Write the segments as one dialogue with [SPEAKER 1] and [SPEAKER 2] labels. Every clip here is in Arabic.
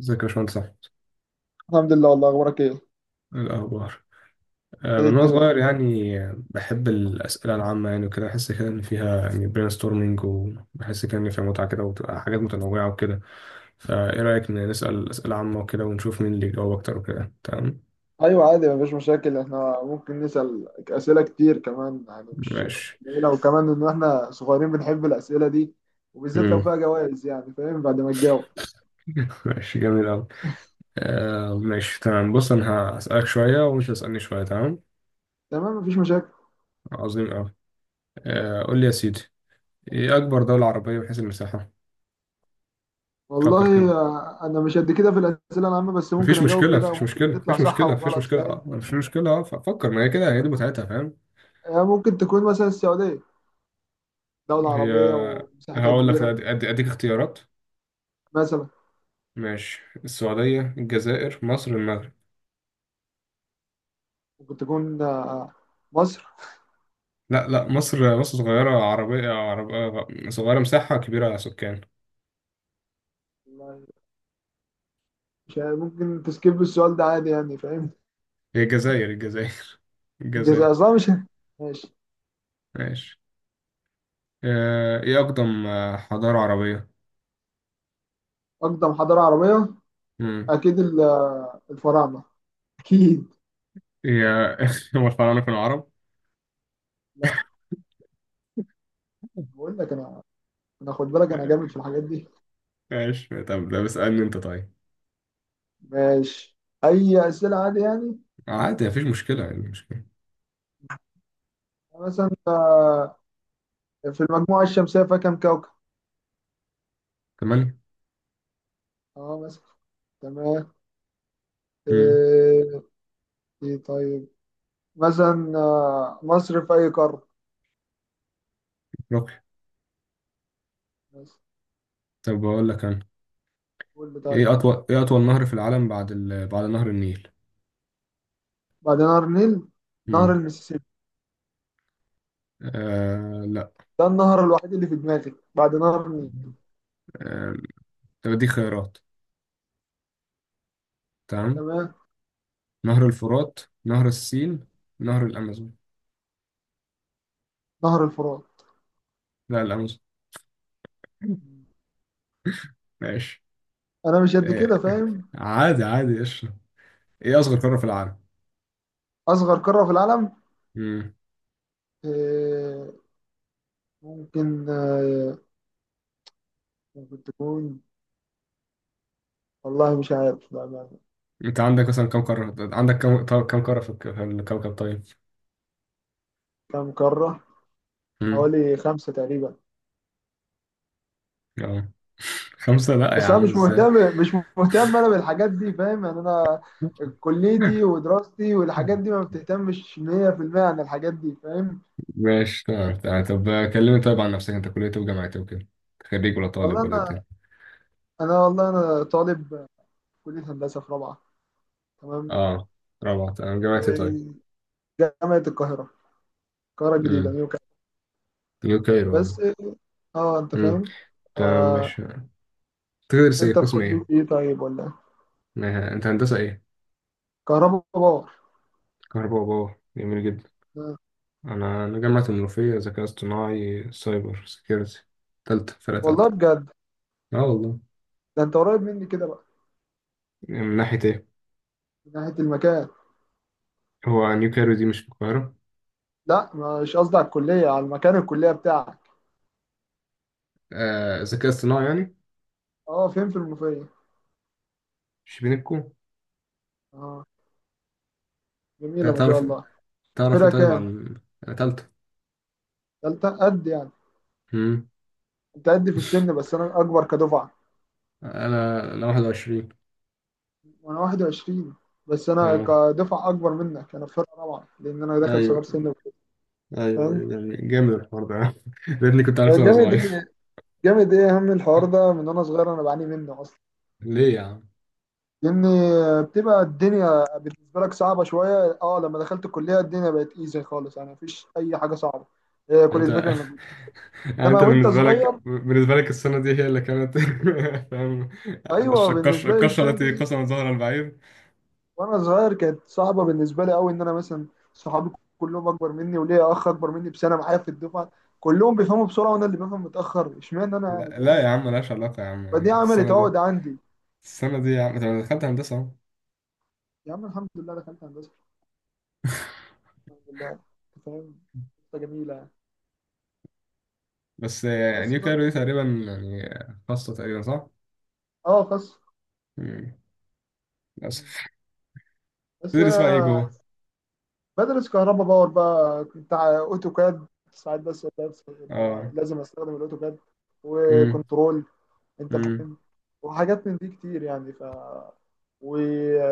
[SPEAKER 1] ازيك يا باشمهندس أحمد؟
[SPEAKER 2] الحمد لله. والله اخبارك ايه؟
[SPEAKER 1] إيه الأخبار؟ من
[SPEAKER 2] ايه
[SPEAKER 1] وأنا
[SPEAKER 2] الدنيا؟
[SPEAKER 1] صغير، يعني بحب الأسئلة العامة، يعني وكده بحس كده إن فيها يعني برين ستورمينج، وبحس كده إن فيها متعة كده، وبتبقى حاجات متنوعة وكده. فإيه رأيك إن نسأل أسئلة عامة وكده ونشوف مين اللي يجاوب أكتر وكده؟ تمام
[SPEAKER 2] ايوه عادي، مفيش مشاكل، احنا ممكن نسأل اسئله كتير كمان يعني مش
[SPEAKER 1] ماشي.
[SPEAKER 2] قليله. وكمان ان احنا صغيرين بنحب الاسئله دي، وبالذات لو
[SPEAKER 1] مم.
[SPEAKER 2] فيها جوائز يعني. فاهم بعد ما تجاوب؟
[SPEAKER 1] ماشي، جميل أوي. آه ماشي تمام، بص أنا هسألك شوية ومش هتسألني شوية، تمام.
[SPEAKER 2] تمام، مفيش مشاكل.
[SPEAKER 1] عظيم أوي. آه، قول لي يا سيدي، إيه أكبر دولة عربية من حيث المساحة؟ فكر كده،
[SPEAKER 2] والله انا مش قد كده في الاسئله العامه، بس ممكن
[SPEAKER 1] مفيش
[SPEAKER 2] اجاوب
[SPEAKER 1] مشكلة
[SPEAKER 2] كده
[SPEAKER 1] مفيش
[SPEAKER 2] وممكن
[SPEAKER 1] مشكلة
[SPEAKER 2] تطلع
[SPEAKER 1] مفيش
[SPEAKER 2] صح
[SPEAKER 1] مشكلة مفيش
[SPEAKER 2] وغلط،
[SPEAKER 1] مشكلة،
[SPEAKER 2] فاهم؟
[SPEAKER 1] مفيش مشكلة، فكر، ما هي كده، هي دي متعتها، فاهم.
[SPEAKER 2] ممكن تكون مثلا السعوديه. دوله
[SPEAKER 1] هي،
[SPEAKER 2] عربيه ومساحتها
[SPEAKER 1] هقول لك
[SPEAKER 2] كبيره.
[SPEAKER 1] اديك اختيارات.
[SPEAKER 2] مثلا
[SPEAKER 1] ماشي، السعودية، الجزائر، مصر، المغرب.
[SPEAKER 2] ممكن تكون مصر.
[SPEAKER 1] لا لا، مصر مصر صغيرة، عربية عربية صغيرة، مساحة كبيرة سكان.
[SPEAKER 2] والله مش عارف، ممكن تسكيب السؤال ده عادي يعني، فاهم؟
[SPEAKER 1] هي الجزائر، الجزائر الجزائر.
[SPEAKER 2] الجزائر صح مش؟ ماشي.
[SPEAKER 1] ماشي. ايه أقدم حضارة عربية؟
[SPEAKER 2] أقدم حضارة عربية؟
[SPEAKER 1] مم.
[SPEAKER 2] أكيد الفراعنة. أكيد.
[SPEAKER 1] هي. هم الفراعنة كانوا عرب؟
[SPEAKER 2] لا، بقول لك أنا، أنا خد بالك، أنا جامد في الحاجات دي.
[SPEAKER 1] ماشي، طب ده بسألني انت طيب.
[SPEAKER 2] ماشي، أي أسئلة عادي يعني.
[SPEAKER 1] عادي مفيش مشكلة، يعني مشكلة
[SPEAKER 2] يعني مثلا في المجموعة الشمسية فيها كام كوكب؟
[SPEAKER 1] كمان؟
[SPEAKER 2] أه مثلا. تمام. إيه؟ إيه طيب. مثلا مصر في أي قارة؟
[SPEAKER 1] رقي.
[SPEAKER 2] بس.
[SPEAKER 1] طب بقول لك انا،
[SPEAKER 2] قول لي طيب.
[SPEAKER 1] ايه اطول نهر في العالم بعد بعد نهر النيل؟
[SPEAKER 2] بعد نهر النيل، نهر
[SPEAKER 1] امم
[SPEAKER 2] المسيسيبي.
[SPEAKER 1] لا.
[SPEAKER 2] ده النهر الوحيد اللي في دماغي بعد نهر النيل.
[SPEAKER 1] آه... طب اديك خيارات، تمام.
[SPEAKER 2] تمام.
[SPEAKER 1] نهر الفرات، نهر السين، نهر الامازون.
[SPEAKER 2] نهر الفرات.
[SPEAKER 1] لا، الامازون. ماشي.
[SPEAKER 2] انا مش قد
[SPEAKER 1] آه...
[SPEAKER 2] كده، فاهم.
[SPEAKER 1] عادي عادي، ايش ايه اصغر قارة في العالم؟
[SPEAKER 2] اصغر قارة في العالم.
[SPEAKER 1] امم
[SPEAKER 2] آه، ممكن ممكن تكون. والله مش عارف بأمانة.
[SPEAKER 1] انت عندك مثلا كم قارة، عندك كم؟ كم قارة في في الكوكب طيب؟
[SPEAKER 2] كام قارة؟
[SPEAKER 1] امم
[SPEAKER 2] حوالي خمسة تقريبا.
[SPEAKER 1] اه خمسة؟ لا يا
[SPEAKER 2] بس انا
[SPEAKER 1] عم،
[SPEAKER 2] مش
[SPEAKER 1] ازاي؟
[SPEAKER 2] مهتم مش مهتم انا بالحاجات دي، فاهم يعني. انا كليتي ودراستي والحاجات دي ما بتهتمش 100% عن الحاجات دي، فاهم.
[SPEAKER 1] ماشي تمام تمام. طب كلمني طيب عن نفسك، انت كلية ايه وجامعة ايه وكده؟ خريج ولا
[SPEAKER 2] والله
[SPEAKER 1] طالب ولا ايه
[SPEAKER 2] انا،
[SPEAKER 1] الدنيا؟
[SPEAKER 2] انا والله طالب كلية هندسة في رابعة. تمام.
[SPEAKER 1] اه، رابعة تمام. جامعة ايه طيب؟
[SPEAKER 2] آه، جامعة القاهرة، القاهرة الجديدة
[SPEAKER 1] امم
[SPEAKER 2] نيو كامب.
[SPEAKER 1] يو كايرو، اه.
[SPEAKER 2] بس اه، انت
[SPEAKER 1] امم،
[SPEAKER 2] فاهم.
[SPEAKER 1] تمام
[SPEAKER 2] آه،
[SPEAKER 1] ماشي. تدرس ايه،
[SPEAKER 2] انت في
[SPEAKER 1] قسم
[SPEAKER 2] كلية
[SPEAKER 1] ايه؟
[SPEAKER 2] ايه طيب ولا ايه؟
[SPEAKER 1] انت هندسة ايه؟
[SPEAKER 2] كهربا باور.
[SPEAKER 1] كهرباء وباور، جميل جدا.
[SPEAKER 2] آه.
[SPEAKER 1] انا جامعة المنوفية، ذكاء اصطناعي سايبر سيكيورتي، تالتة، فرقة
[SPEAKER 2] والله
[SPEAKER 1] تالتة.
[SPEAKER 2] بجد،
[SPEAKER 1] اه والله.
[SPEAKER 2] ده انت قريب مني كده بقى.
[SPEAKER 1] من ناحية ايه؟
[SPEAKER 2] من ناحية المكان.
[SPEAKER 1] هو نيو كايرو دي مش في القاهرة؟
[SPEAKER 2] لا، مش قصدي على الكلية، على المكان الكلية بتاعك.
[SPEAKER 1] آه، ذكاء اصطناعي يعني
[SPEAKER 2] اه، فين في المنوفية.
[SPEAKER 1] شبينكو.
[SPEAKER 2] اه، جميلة ما شاء
[SPEAKER 1] تعرف
[SPEAKER 2] الله.
[SPEAKER 1] تعرف ايه
[SPEAKER 2] فرقة
[SPEAKER 1] طيب
[SPEAKER 2] كام؟
[SPEAKER 1] عن، تالتة.
[SPEAKER 2] تالتة قد يعني.
[SPEAKER 1] امم
[SPEAKER 2] انت قد في السن بس انا اكبر كدفعة.
[SPEAKER 1] انا 21.
[SPEAKER 2] وانا 21. بس انا
[SPEAKER 1] اه.
[SPEAKER 2] كدفعة اكبر منك، انا في فرقة رابعة لان انا داخل
[SPEAKER 1] ايوه
[SPEAKER 2] صغار سن وكده.
[SPEAKER 1] ايوه
[SPEAKER 2] فاهم؟
[SPEAKER 1] ايوه، يعني جامد الحوار ده لاني كنت عارف وانا
[SPEAKER 2] جامد
[SPEAKER 1] صغير.
[SPEAKER 2] ايه. جامد ايه يا عم، الحوار ده من وانا صغير انا بعاني منه.
[SPEAKER 1] ليه يا عم؟
[SPEAKER 2] لان بتبقى الدنيا بالنسبه لك صعبه شويه. اه لما دخلت الكليه الدنيا بقت ايزي خالص، يعني مفيش اي حاجه صعبه. هي
[SPEAKER 1] يعني
[SPEAKER 2] كل
[SPEAKER 1] انت
[SPEAKER 2] الفكره انك، انما
[SPEAKER 1] انت
[SPEAKER 2] وانت
[SPEAKER 1] بالنسبه
[SPEAKER 2] صغير.
[SPEAKER 1] لك بالنسبه لك السنه دي هي اللي كانت فاهم.
[SPEAKER 2] ايوه
[SPEAKER 1] القشره
[SPEAKER 2] بالنسبه لي
[SPEAKER 1] القشره
[SPEAKER 2] السنه
[SPEAKER 1] التي
[SPEAKER 2] دي،
[SPEAKER 1] قسمت ظهر البعير.
[SPEAKER 2] وانا صغير كانت صعبه بالنسبه لي قوي. ان انا مثلا صحابي كلهم اكبر مني، وليا اخ اكبر مني بسنه معايا في الدفعه. كلهم بيفهموا بسرعه وانا اللي بفهم متاخر، اشمعنى انا يعني،
[SPEAKER 1] لا لا يا
[SPEAKER 2] فاهم.
[SPEAKER 1] عم، ملهاش علاقه يا عم،
[SPEAKER 2] فدي
[SPEAKER 1] يعني
[SPEAKER 2] عملت
[SPEAKER 1] السنه دي
[SPEAKER 2] عقد عندي.
[SPEAKER 1] السنه دي يا عم انت دخلت هندسه اهو.
[SPEAKER 2] يا عم الحمد لله دخلت هندسه، الحمد لله. أنت فاهم، قصة جميله يعني.
[SPEAKER 1] بس
[SPEAKER 2] بس
[SPEAKER 1] نيو
[SPEAKER 2] بقى،
[SPEAKER 1] كايرو دي تقريبا، يعني خاصه تقريبا، صح؟
[SPEAKER 2] اه خاص.
[SPEAKER 1] مم. للاسف.
[SPEAKER 2] بس
[SPEAKER 1] تدرس بقى ايه جوه؟
[SPEAKER 2] بدرس كهرباء باور بقى. اوتوكاد ساعات،
[SPEAKER 1] اه.
[SPEAKER 2] لازم استخدم الاوتوكاد
[SPEAKER 1] امم
[SPEAKER 2] وكنترول. انت
[SPEAKER 1] امم
[SPEAKER 2] فاهم. وحاجات من دي كتير يعني، و...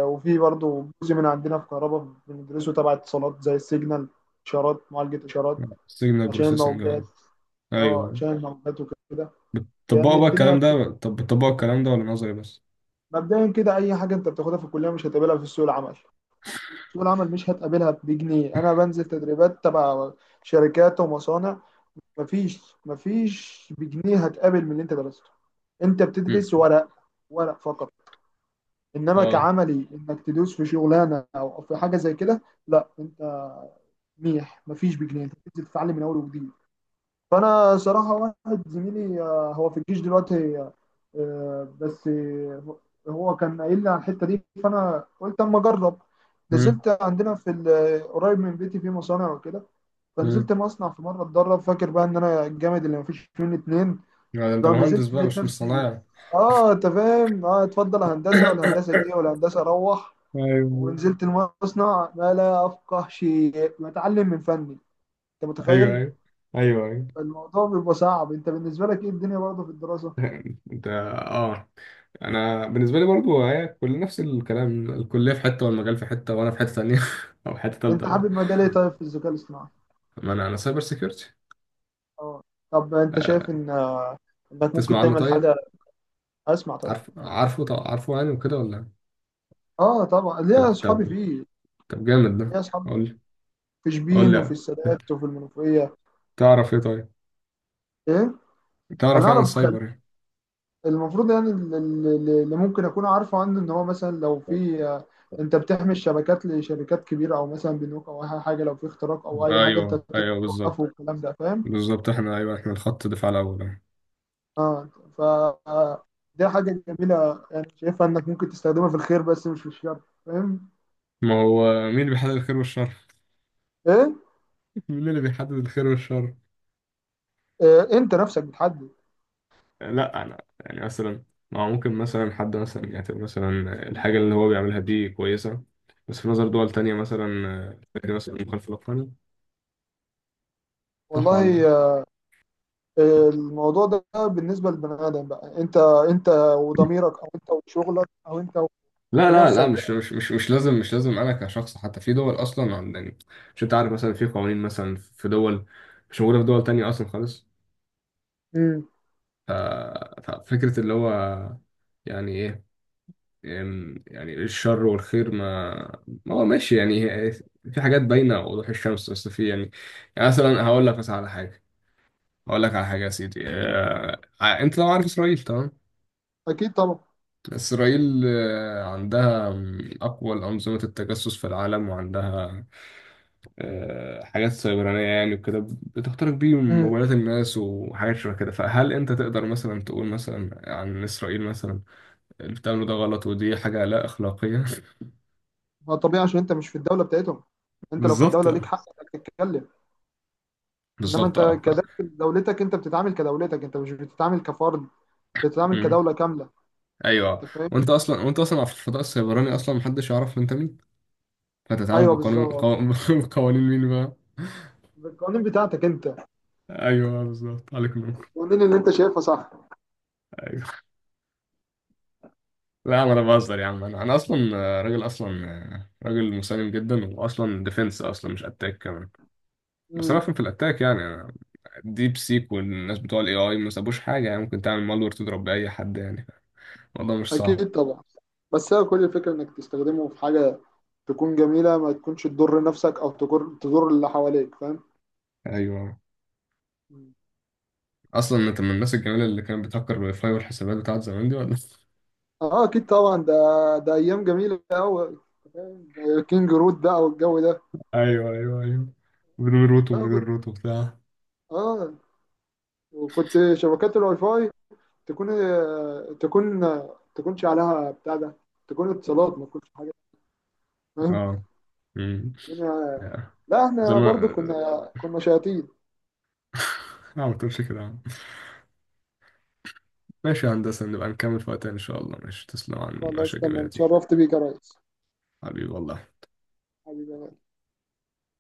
[SPEAKER 2] وفي برضو جزء من عندنا في كهرباء بندرسه تبع اتصالات، زي السيجنال، اشارات، معالجة اشارات.
[SPEAKER 1] سيجنال
[SPEAKER 2] عشان
[SPEAKER 1] بروسيسنج،
[SPEAKER 2] الموجات.
[SPEAKER 1] ايوه.
[SPEAKER 2] اه
[SPEAKER 1] أيوه.
[SPEAKER 2] عشان الموجات وكده.
[SPEAKER 1] بتطبقوا
[SPEAKER 2] يعني
[SPEAKER 1] بقى الكلام ده؟ طب بتطبقوا الكلام ده ولا نظري بس؟
[SPEAKER 2] مبدئيا كده اي حاجه انت بتاخدها في الكليه مش هتقابلها في سوق العمل. سوق العمل مش هتقابلها بجنيه. انا بنزل تدريبات تبع شركات ومصانع. مفيش بجنيه هتقابل من اللي انت درسته. انت بتدرس
[SPEAKER 1] مم.
[SPEAKER 2] ورق، ورق فقط. انما
[SPEAKER 1] اه.
[SPEAKER 2] كعملي انك تدوس في شغلانه او في حاجه زي كده، لا انت ميح، مفيش بجنيه، انت بتنزل تتعلم من اول وجديد. فانا صراحه واحد زميلي هو في الجيش دلوقتي، آه، آه، بس آه، هو كان قايل لي على الحته دي، فانا قلت اما اجرب.
[SPEAKER 1] مم.
[SPEAKER 2] نزلت عندنا قريب من بيتي في مصانع وكده.
[SPEAKER 1] مم.
[SPEAKER 2] فنزلت مصنع في مره اتدرب. فاكر بقى ان انا الجامد اللي مفيش منه اتنين.
[SPEAKER 1] ده انت
[SPEAKER 2] لو
[SPEAKER 1] مهندس
[SPEAKER 2] نزلت
[SPEAKER 1] بقى،
[SPEAKER 2] لقيت
[SPEAKER 1] مش
[SPEAKER 2] نفسي،
[SPEAKER 1] صنايعي.
[SPEAKER 2] اه انت فاهم، اه اتفضل هندسه ولا هندسه ايه ولا هندسه روح.
[SPEAKER 1] ايوه
[SPEAKER 2] ونزلت المصنع ما لا افقه شيء، بتعلم من فني. انت
[SPEAKER 1] ايوه
[SPEAKER 2] متخيل
[SPEAKER 1] ايوه ايوه ايوه.
[SPEAKER 2] الموضوع بيبقى صعب؟ انت بالنسبه لك ايه الدنيا برضه في الدراسه؟
[SPEAKER 1] انت اه، انا بالنسبه لي برضو هي كل نفس الكلام، الكليه في حته والمجال في حته وانا في حته ثانيه او حته
[SPEAKER 2] انت
[SPEAKER 1] ثالثه بقى.
[SPEAKER 2] حابب مجال ايه طيب في الذكاء الاصطناعي؟
[SPEAKER 1] ما انا سايبر سيكيورتي.
[SPEAKER 2] اه طب انت شايف
[SPEAKER 1] آه.
[SPEAKER 2] ان، انك ممكن
[SPEAKER 1] تسمع عنه
[SPEAKER 2] تعمل
[SPEAKER 1] طيب؟
[SPEAKER 2] حاجه. اسمع طيب عادي.
[SPEAKER 1] عارفه، طب عارفه يعني وكده ولا؟
[SPEAKER 2] اه طبعا
[SPEAKER 1] طب
[SPEAKER 2] ليا اصحابي
[SPEAKER 1] طب
[SPEAKER 2] فيه،
[SPEAKER 1] طب جامد ده،
[SPEAKER 2] ليا اصحابي فيه
[SPEAKER 1] قول لي،
[SPEAKER 2] في
[SPEAKER 1] قول
[SPEAKER 2] شبين
[SPEAKER 1] لي
[SPEAKER 2] وفي
[SPEAKER 1] يعني.
[SPEAKER 2] السادات وفي المنوفيه.
[SPEAKER 1] تعرف ايه طيب
[SPEAKER 2] ايه؟ انا
[SPEAKER 1] تعرف ايه عن
[SPEAKER 2] اعرف
[SPEAKER 1] السايبر؟
[SPEAKER 2] المفروض يعني، اللي ممكن اكون عارفه عنه ان هو مثلا لو في انت بتحمي الشبكات لشركات كبيره او مثلا بنوك او اي حاجه. لو في اختراق او اي حاجه انت
[SPEAKER 1] ايوه
[SPEAKER 2] بتقدر
[SPEAKER 1] ايوه،
[SPEAKER 2] توقفه
[SPEAKER 1] بالظبط
[SPEAKER 2] والكلام ده، فاهم.
[SPEAKER 1] بالظبط. احنا ايوه، احنا الخط دفاع الاول أهو.
[SPEAKER 2] اه ف آه، دي حاجه جميله يعني، شايفها انك ممكن تستخدمها في الخير بس مش في الشر، فاهم.
[SPEAKER 1] ما هو مين اللي بيحدد الخير والشر؟
[SPEAKER 2] ايه؟
[SPEAKER 1] مين اللي بيحدد الخير والشر؟
[SPEAKER 2] انت نفسك بتحدد.
[SPEAKER 1] لا انا يعني مثلا، ما هو ممكن مثلا حد مثلا يعتبر مثلا الحاجه اللي هو بيعملها دي كويسه، بس في نظر دول تانية مثلا فكرة مثلا مخالفه للقانون. صح ولا؟
[SPEAKER 2] والله الموضوع ده بالنسبه للبني ادم بقى، انت، انت وضميرك، او انت وشغلك، او انت
[SPEAKER 1] لا لا لا لا،
[SPEAKER 2] ونفسك
[SPEAKER 1] مش
[SPEAKER 2] يعني.
[SPEAKER 1] مش مش مش لازم، انا كشخص، حتى في دول اصلا، يعني، مش انت عارف مثلا في قوانين مثلا في دول مش موجوده في دول تانية اصلا خالص.
[SPEAKER 2] امم.
[SPEAKER 1] ف- ففكره اللي هو، يعني ايه، يعني الشر والخير، ما هو ماشي، يعني في حاجات باينة وضوح الشمس، بس في يعني، يعني مثلا هقول لك على حاجة يا سيدي. انت لو عارف اسرائيل، تمام.
[SPEAKER 2] اكيد طبعا.
[SPEAKER 1] اسرائيل عندها اقوى انظمة التجسس في العالم، وعندها حاجات سيبرانية يعني وكده، بتخترق بيهم
[SPEAKER 2] مم.
[SPEAKER 1] موبايلات الناس وحاجات شبه كده. فهل انت تقدر مثلا تقول مثلا عن اسرائيل مثلا اللي بتعمله ده غلط، ودي حاجة لا اخلاقية؟
[SPEAKER 2] ما طبيعي عشان انت مش في الدوله بتاعتهم. انت لو في
[SPEAKER 1] بالظبط
[SPEAKER 2] الدوله ليك حق انك تتكلم. انما
[SPEAKER 1] بالظبط،
[SPEAKER 2] انت
[SPEAKER 1] اه
[SPEAKER 2] كداخل دولتك انت بتتعامل كدولتك، انت مش بتتعامل كفرد، انت بتتعامل
[SPEAKER 1] مم.
[SPEAKER 2] كدوله كامله.
[SPEAKER 1] ايوه.
[SPEAKER 2] انت فاهم.
[SPEAKER 1] وانت اصلا، في الفضاء السيبراني اصلا محدش يعرف انت مين، فتتعامل
[SPEAKER 2] ايوه بالظبط.
[SPEAKER 1] بقوانين مين بقى؟
[SPEAKER 2] بالقوانين بتاعتك انت،
[SPEAKER 1] ايوه بالظبط، عليك نور.
[SPEAKER 2] القوانين اللي انت شايفها صح.
[SPEAKER 1] ايوه. لا انا بهزر يا عم، انا اصلا راجل، اصلا راجل مسالم جدا، واصلا ديفنس اصلا، مش اتاك كمان. بس انا
[SPEAKER 2] امم.
[SPEAKER 1] افهم في الاتاك، يعني ديب سيك والناس بتوع الاي اي ما سابوش حاجه، يعني ممكن تعمل مالور تضرب باي حد، يعني الموضوع مش صعب.
[SPEAKER 2] اكيد طبعا. بس هي كل الفكره انك تستخدمه في حاجه تكون جميله، ما تكونش تضر نفسك او تضر اللي حواليك، فاهم.
[SPEAKER 1] ايوه.
[SPEAKER 2] مم.
[SPEAKER 1] اصلا انت من الناس الجميله اللي كانت بتهكر الواي فاي والحسابات بتاعت زمان دي ولا؟
[SPEAKER 2] اه اكيد طبعا، ده ده ايام جميله قوي، كينج رود بقى والجو ده.
[SPEAKER 1] ايوه ايوه ايوه، من غير روتو،
[SPEAKER 2] لا كنت،
[SPEAKER 1] بتاع.
[SPEAKER 2] اه، وكنت شبكات الواي فاي تكون تكون تكونش عليها بتاع ده، تكون اتصالات ما تكونش حاجه، فاهم.
[SPEAKER 1] اه امم
[SPEAKER 2] الدنيا.
[SPEAKER 1] يا.
[SPEAKER 2] لا
[SPEAKER 1] زي
[SPEAKER 2] احنا
[SPEAKER 1] ما
[SPEAKER 2] برضو كنا شياطين.
[SPEAKER 1] لا ما تقولش كده يا عم. ماشي يا هندسة، نبقى نكمل في وقت تاني ان شاء الله. ماشي، تسلم عن
[SPEAKER 2] خلاص تمام،
[SPEAKER 1] المشاكل دي.
[SPEAKER 2] اتشرفت بيك يا ريس.
[SPEAKER 1] حبيبي والله.
[SPEAKER 2] حبيبي.